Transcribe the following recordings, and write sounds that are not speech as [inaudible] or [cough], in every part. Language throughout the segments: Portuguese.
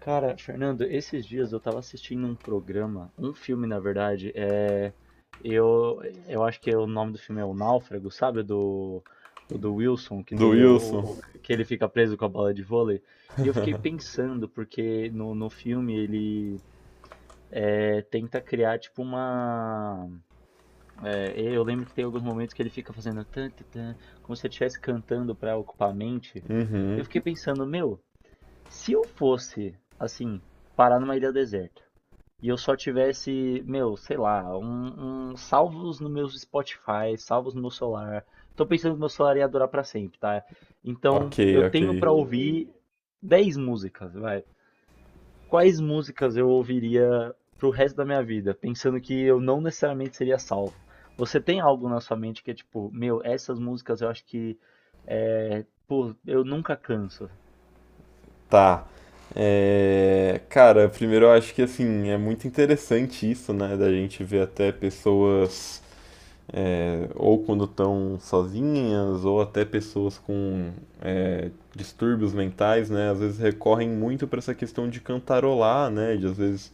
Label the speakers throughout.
Speaker 1: Cara, Fernando, esses dias eu tava assistindo um programa, um filme na verdade, eu, eu acho que é o nome do filme é O Náufrago, sabe? O do Wilson, que
Speaker 2: Do
Speaker 1: tem
Speaker 2: Wilson?
Speaker 1: que ele fica preso com a bola de vôlei. E eu fiquei
Speaker 2: [laughs]
Speaker 1: pensando, porque no filme ele tenta criar tipo uma. Eu lembro que tem alguns momentos que ele fica fazendo tan, tan, tan, como se ele estivesse cantando pra ocupar a mente. Eu
Speaker 2: Uhum.
Speaker 1: fiquei pensando, meu. Se eu fosse, assim, parar numa ilha deserta e eu só tivesse, meu, sei lá, salvos no meu Spotify, salvos no meu celular. Tô pensando que meu celular ia durar pra sempre, tá?
Speaker 2: Ok,
Speaker 1: Então, eu
Speaker 2: ok.
Speaker 1: tenho pra ouvir 10 músicas, vai. Quais músicas eu ouviria pro resto da minha vida, pensando que eu não necessariamente seria salvo? Você tem algo na sua mente que é tipo, meu, essas músicas eu acho que, pô, eu nunca canso.
Speaker 2: Tá. É, cara, primeiro eu acho que assim, é muito interessante isso, né? Da gente ver até pessoas, ou quando estão sozinhas, ou até pessoas com distúrbios mentais, né? Às vezes recorrem muito para essa questão de cantarolar, né? De às vezes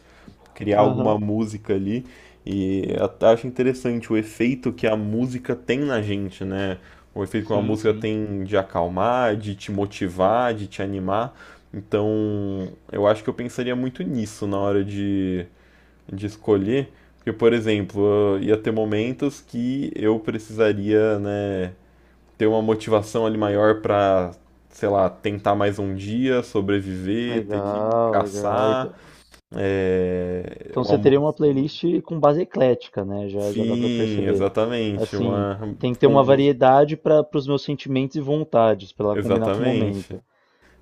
Speaker 2: criar
Speaker 1: Aham.
Speaker 2: alguma música ali. E eu até acho interessante o efeito que a música tem na gente, né? O efeito que uma
Speaker 1: Sim,
Speaker 2: música
Speaker 1: sim.
Speaker 2: tem de acalmar, de te motivar, de te animar. Então, eu acho que eu pensaria muito nisso na hora de escolher. Porque, por exemplo, eu ia ter momentos que eu precisaria, né, ter uma motivação ali maior para sei lá, tentar mais um dia, sobreviver, ter que
Speaker 1: Legal.
Speaker 2: caçar.
Speaker 1: Então
Speaker 2: É,
Speaker 1: então
Speaker 2: uma
Speaker 1: você
Speaker 2: mo-
Speaker 1: teria uma playlist com base eclética, né? Já, já dá pra
Speaker 2: Sim,
Speaker 1: perceber.
Speaker 2: exatamente,
Speaker 1: Assim,
Speaker 2: uma
Speaker 1: tem que ter
Speaker 2: com
Speaker 1: uma
Speaker 2: música,
Speaker 1: variedade para os meus sentimentos e vontades, para ela combinar com o
Speaker 2: exatamente.
Speaker 1: momento.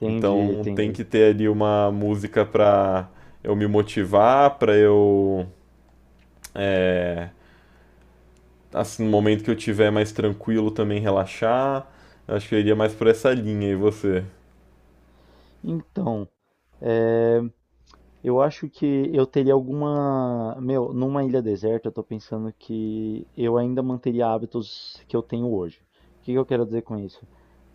Speaker 1: Entendi,
Speaker 2: Então tem
Speaker 1: entendi.
Speaker 2: que ter ali uma música pra eu me motivar, pra eu é, assim, no momento que eu tiver mais tranquilo também relaxar. Acho que eu iria mais por essa linha, e você?
Speaker 1: Então, é, Eu acho que eu teria alguma. Meu, numa ilha deserta, eu tô pensando que eu ainda manteria hábitos que eu tenho hoje. O que que eu quero dizer com isso?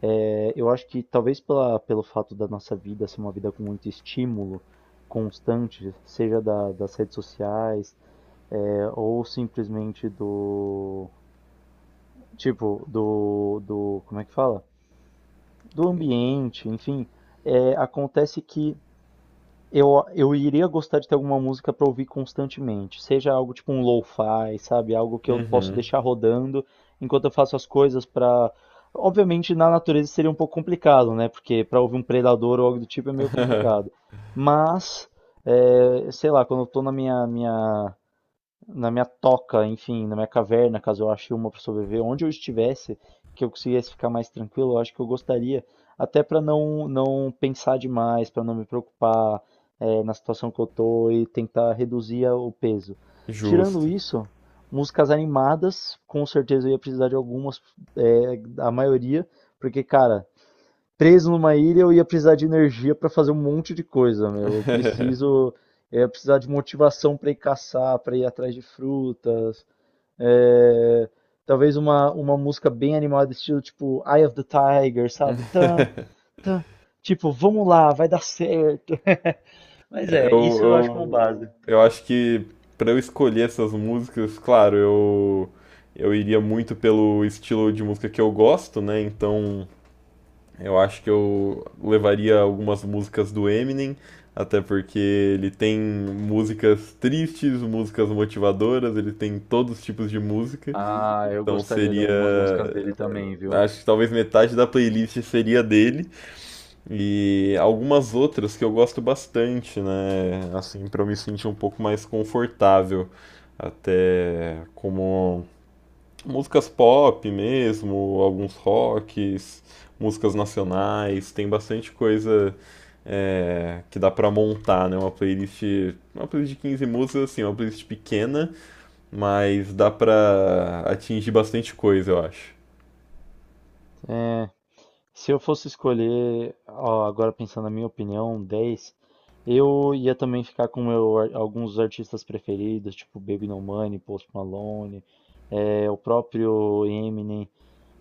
Speaker 1: Eu acho que talvez pelo fato da nossa vida ser uma vida com muito estímulo constante, seja das redes sociais, ou simplesmente do. Tipo, do. Como é que fala? Do ambiente, enfim. Acontece que eu iria gostar de ter alguma música para ouvir constantemente, seja algo tipo um lo-fi, sabe, algo que eu posso
Speaker 2: Uhum,
Speaker 1: deixar rodando enquanto eu faço as coisas. Para obviamente na natureza seria um pouco complicado, né, porque para ouvir um predador ou algo do tipo é meio complicado, mas, sei lá, quando eu tô na minha toca, enfim, na minha caverna, caso eu ache uma para sobreviver, onde eu estivesse, que eu conseguisse ficar mais tranquilo, eu acho que eu gostaria, até para não não pensar demais, para não me preocupar na situação que eu tô e tentar reduzir o peso. Tirando
Speaker 2: justo.
Speaker 1: isso, músicas animadas, com certeza eu ia precisar de algumas, a maioria, porque, cara, preso numa ilha, eu ia precisar de energia para fazer um monte de coisa, meu.
Speaker 2: [laughs]
Speaker 1: Eu ia precisar de motivação para ir caçar, para ir atrás de frutas. é, Talvez uma música bem animada, estilo tipo Eye of the Tiger, sabe? Tan, tan. Tipo, vamos lá, vai dar certo. Mas isso eu acho
Speaker 2: Eu,
Speaker 1: como
Speaker 2: eu,
Speaker 1: base.
Speaker 2: eu acho que pra eu escolher essas músicas, claro, eu iria muito pelo estilo de música que eu gosto, né? Então eu acho que eu levaria algumas músicas do Eminem, até porque ele tem músicas tristes, músicas motivadoras, ele tem todos os tipos de música.
Speaker 1: Ah, eu
Speaker 2: Então
Speaker 1: gostaria de
Speaker 2: seria.
Speaker 1: algumas músicas dele também, viu?
Speaker 2: Acho que talvez metade da playlist seria dele. E algumas outras que eu gosto bastante, né? Assim, para eu me sentir um pouco mais confortável. Até como músicas pop mesmo, alguns rocks, músicas nacionais, tem bastante coisa que dá pra montar, né? Uma playlist de 15 músicas, assim, uma playlist pequena, mas dá pra atingir bastante coisa, eu acho.
Speaker 1: Se eu fosse escolher, ó, agora pensando na minha opinião, 10 eu ia também ficar com meu, alguns artistas preferidos, tipo Baby No Money, Post Malone, o próprio Eminem,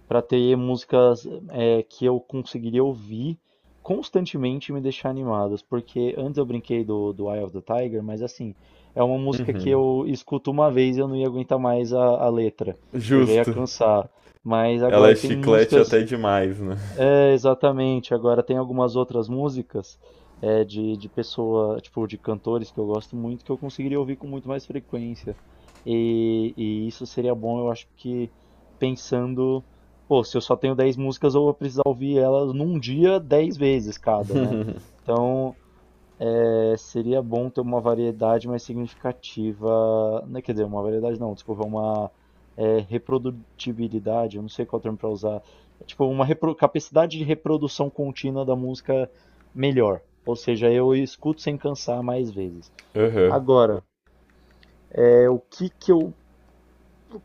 Speaker 1: pra ter músicas que eu conseguiria ouvir constantemente e me deixar animadas. Porque antes eu brinquei do Eye of the Tiger, mas assim, é uma música que
Speaker 2: Uhum.
Speaker 1: eu escuto uma vez e eu não ia aguentar mais a letra, eu já ia
Speaker 2: Justo.
Speaker 1: cansar. Mas
Speaker 2: Ela é
Speaker 1: agora tem
Speaker 2: chiclete até
Speaker 1: músicas.
Speaker 2: demais, né?
Speaker 1: É, exatamente. Agora tem algumas outras músicas de pessoa, tipo, de cantores que eu gosto muito, que eu conseguiria ouvir com muito mais frequência. E isso seria bom, eu acho que pensando, pô, se eu só tenho 10 músicas, eu vou precisar ouvir elas num dia 10 vezes cada, né? Então, seria bom ter uma variedade mais significativa, não quer dizer, uma variedade não, desculpa, uma reprodutibilidade, eu não sei qual termo para usar, tipo uma capacidade de reprodução contínua da música melhor, ou seja, eu escuto sem cansar mais vezes.
Speaker 2: Aham.
Speaker 1: Agora, o que que eu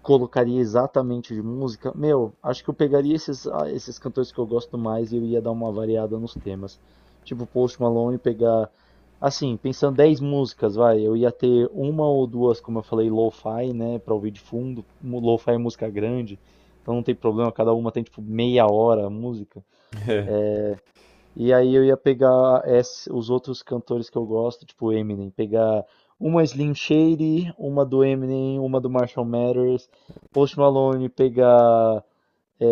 Speaker 1: colocaria exatamente de música, meu, acho que eu pegaria esses cantores que eu gosto mais e eu ia dar uma variada nos temas. Tipo Post Malone, pegar, assim, pensando 10 músicas, vai, eu ia ter uma ou duas, como eu falei, lo-fi, né, pra ouvir de fundo. Lo-fi é música grande, então não tem problema, cada uma tem tipo meia hora a música.
Speaker 2: [laughs] É.
Speaker 1: E aí eu ia pegar os outros cantores que eu gosto, tipo Eminem, pegar uma Slim Shady, uma do Eminem, uma do Marshall Mathers, Post Malone, pegar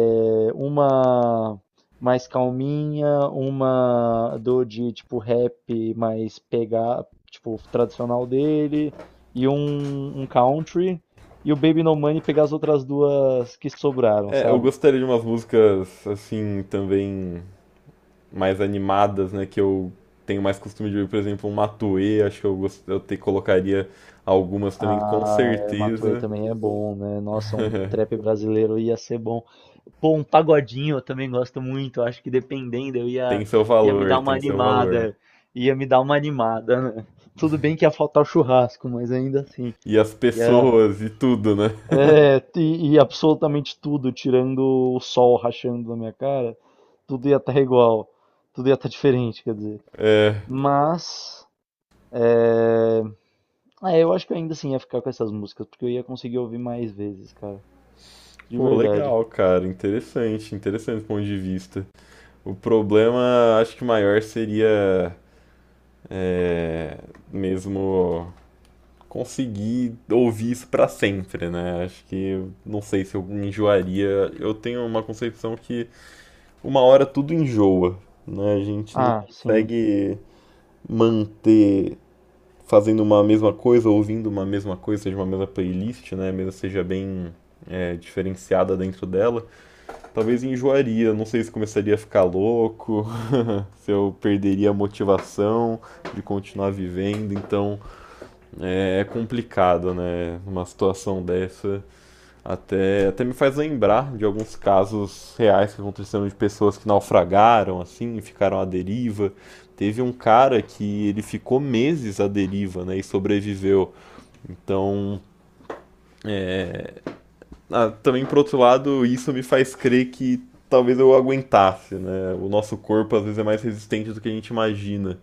Speaker 1: uma mais calminha, uma do de tipo rap mais pegar, tipo tradicional dele, e um country, e o Baby No Money pegar as outras duas que sobraram,
Speaker 2: É, eu
Speaker 1: sabe?
Speaker 2: gostaria de umas músicas assim também mais animadas, né, que eu tenho mais costume de ver, por exemplo, um Matue, acho que eu, gost... eu te colocaria algumas também com
Speaker 1: Ah, Matuê
Speaker 2: certeza.
Speaker 1: também é bom, né? Nossa, um trap
Speaker 2: [laughs]
Speaker 1: brasileiro ia ser bom. Pô, um pagodinho eu também gosto muito. Acho que dependendo, eu
Speaker 2: Tem
Speaker 1: ia,
Speaker 2: seu
Speaker 1: ia me
Speaker 2: valor,
Speaker 1: dar uma
Speaker 2: tem seu valor.
Speaker 1: animada. Ia me dar uma animada, né? Tudo bem que ia faltar o churrasco, mas ainda assim.
Speaker 2: E as
Speaker 1: Ia,
Speaker 2: pessoas e tudo, né? [laughs]
Speaker 1: e absolutamente tudo, tirando o sol rachando na minha cara, tudo ia estar igual. Tudo ia estar diferente, quer dizer.
Speaker 2: É,
Speaker 1: Mas. É... Ah, eu acho que eu ainda assim ia ficar com essas músicas, porque eu ia conseguir ouvir mais vezes, cara. De
Speaker 2: pô,
Speaker 1: verdade.
Speaker 2: legal, cara. Interessante, interessante o ponto de vista. O problema, acho que maior seria é, mesmo conseguir ouvir isso pra sempre, né? Acho que não sei se eu enjoaria. Eu tenho uma concepção que uma hora tudo enjoa, né? A gente não
Speaker 1: Ah, sim.
Speaker 2: consegue manter fazendo uma mesma coisa, ouvindo uma mesma coisa, seja uma mesma playlist, né? Mesmo seja bem diferenciada dentro dela, talvez enjoaria. Não sei se começaria a ficar louco, [laughs] se eu perderia a motivação de continuar vivendo. Então, é complicado, né? Uma situação dessa. Até, até me faz lembrar de alguns casos reais que aconteceram de pessoas que naufragaram, assim, e ficaram à deriva. Teve um cara que ele ficou meses à deriva, né, e sobreviveu. Então, é, também por outro lado, isso me faz crer que talvez eu aguentasse, né? O nosso corpo às vezes é mais resistente do que a gente imagina.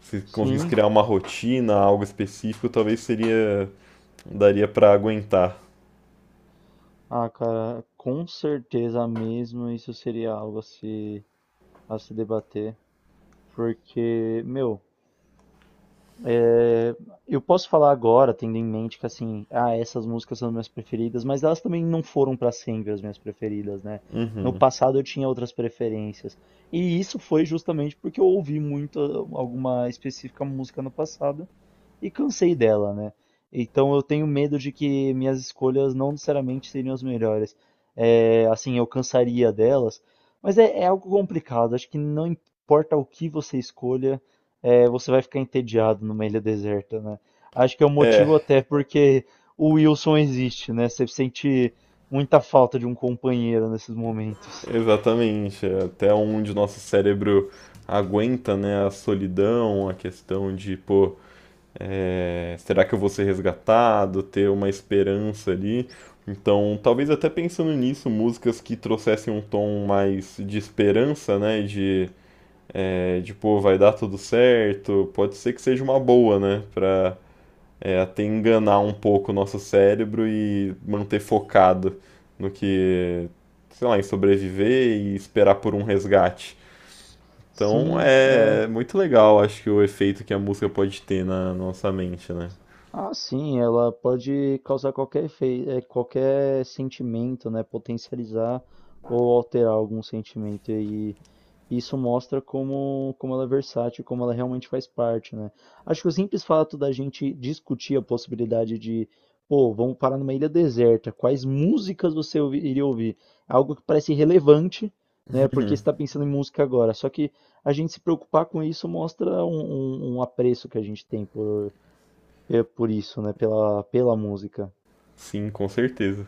Speaker 2: Se conseguisse
Speaker 1: Sim.
Speaker 2: criar uma rotina, algo específico, talvez seria daria para aguentar.
Speaker 1: Ah, cara, com certeza mesmo isso seria algo a se debater. Porque, meu, é, eu posso falar agora, tendo em mente que, assim, ah, essas músicas são minhas preferidas, mas elas também não foram para sempre as minhas preferidas, né? No passado eu tinha outras preferências. E isso foi justamente porque eu ouvi muito alguma específica música no passado e cansei dela, né? Então eu tenho medo de que minhas escolhas não necessariamente seriam as melhores. É, assim, eu cansaria delas, mas é algo complicado. Acho que não importa o que você escolha, você vai ficar entediado numa ilha deserta, né? Acho que é o motivo
Speaker 2: É,
Speaker 1: até porque o Wilson existe, né? Você sente muita falta de um companheiro nesses momentos.
Speaker 2: exatamente. Até onde o nosso cérebro aguenta, né, a solidão, a questão de, pô, será que eu vou ser resgatado, ter uma esperança ali. Então, talvez até pensando nisso, músicas que trouxessem um tom mais de esperança, né, de pô, vai dar tudo certo, pode ser que seja uma boa, né, pra, até enganar um pouco o nosso cérebro e manter focado no que, sei lá, em sobreviver e esperar por um resgate. Então
Speaker 1: Sim.
Speaker 2: é muito legal, acho que o efeito que a música pode ter na nossa mente, né?
Speaker 1: Ah, sim, ela pode causar qualquer efeito, qualquer sentimento, né? Potencializar ou alterar algum sentimento. E isso mostra como ela é versátil, como ela realmente faz parte, né? Acho que o simples fato da gente discutir a possibilidade de, pô, vamos parar numa ilha deserta, quais músicas você iria ouvir? Algo que parece relevante, né? Porque você está
Speaker 2: [laughs]
Speaker 1: pensando em música agora. Só que a gente se preocupar com isso mostra um apreço que a gente tem por isso, né, pela música.
Speaker 2: Sim, com certeza.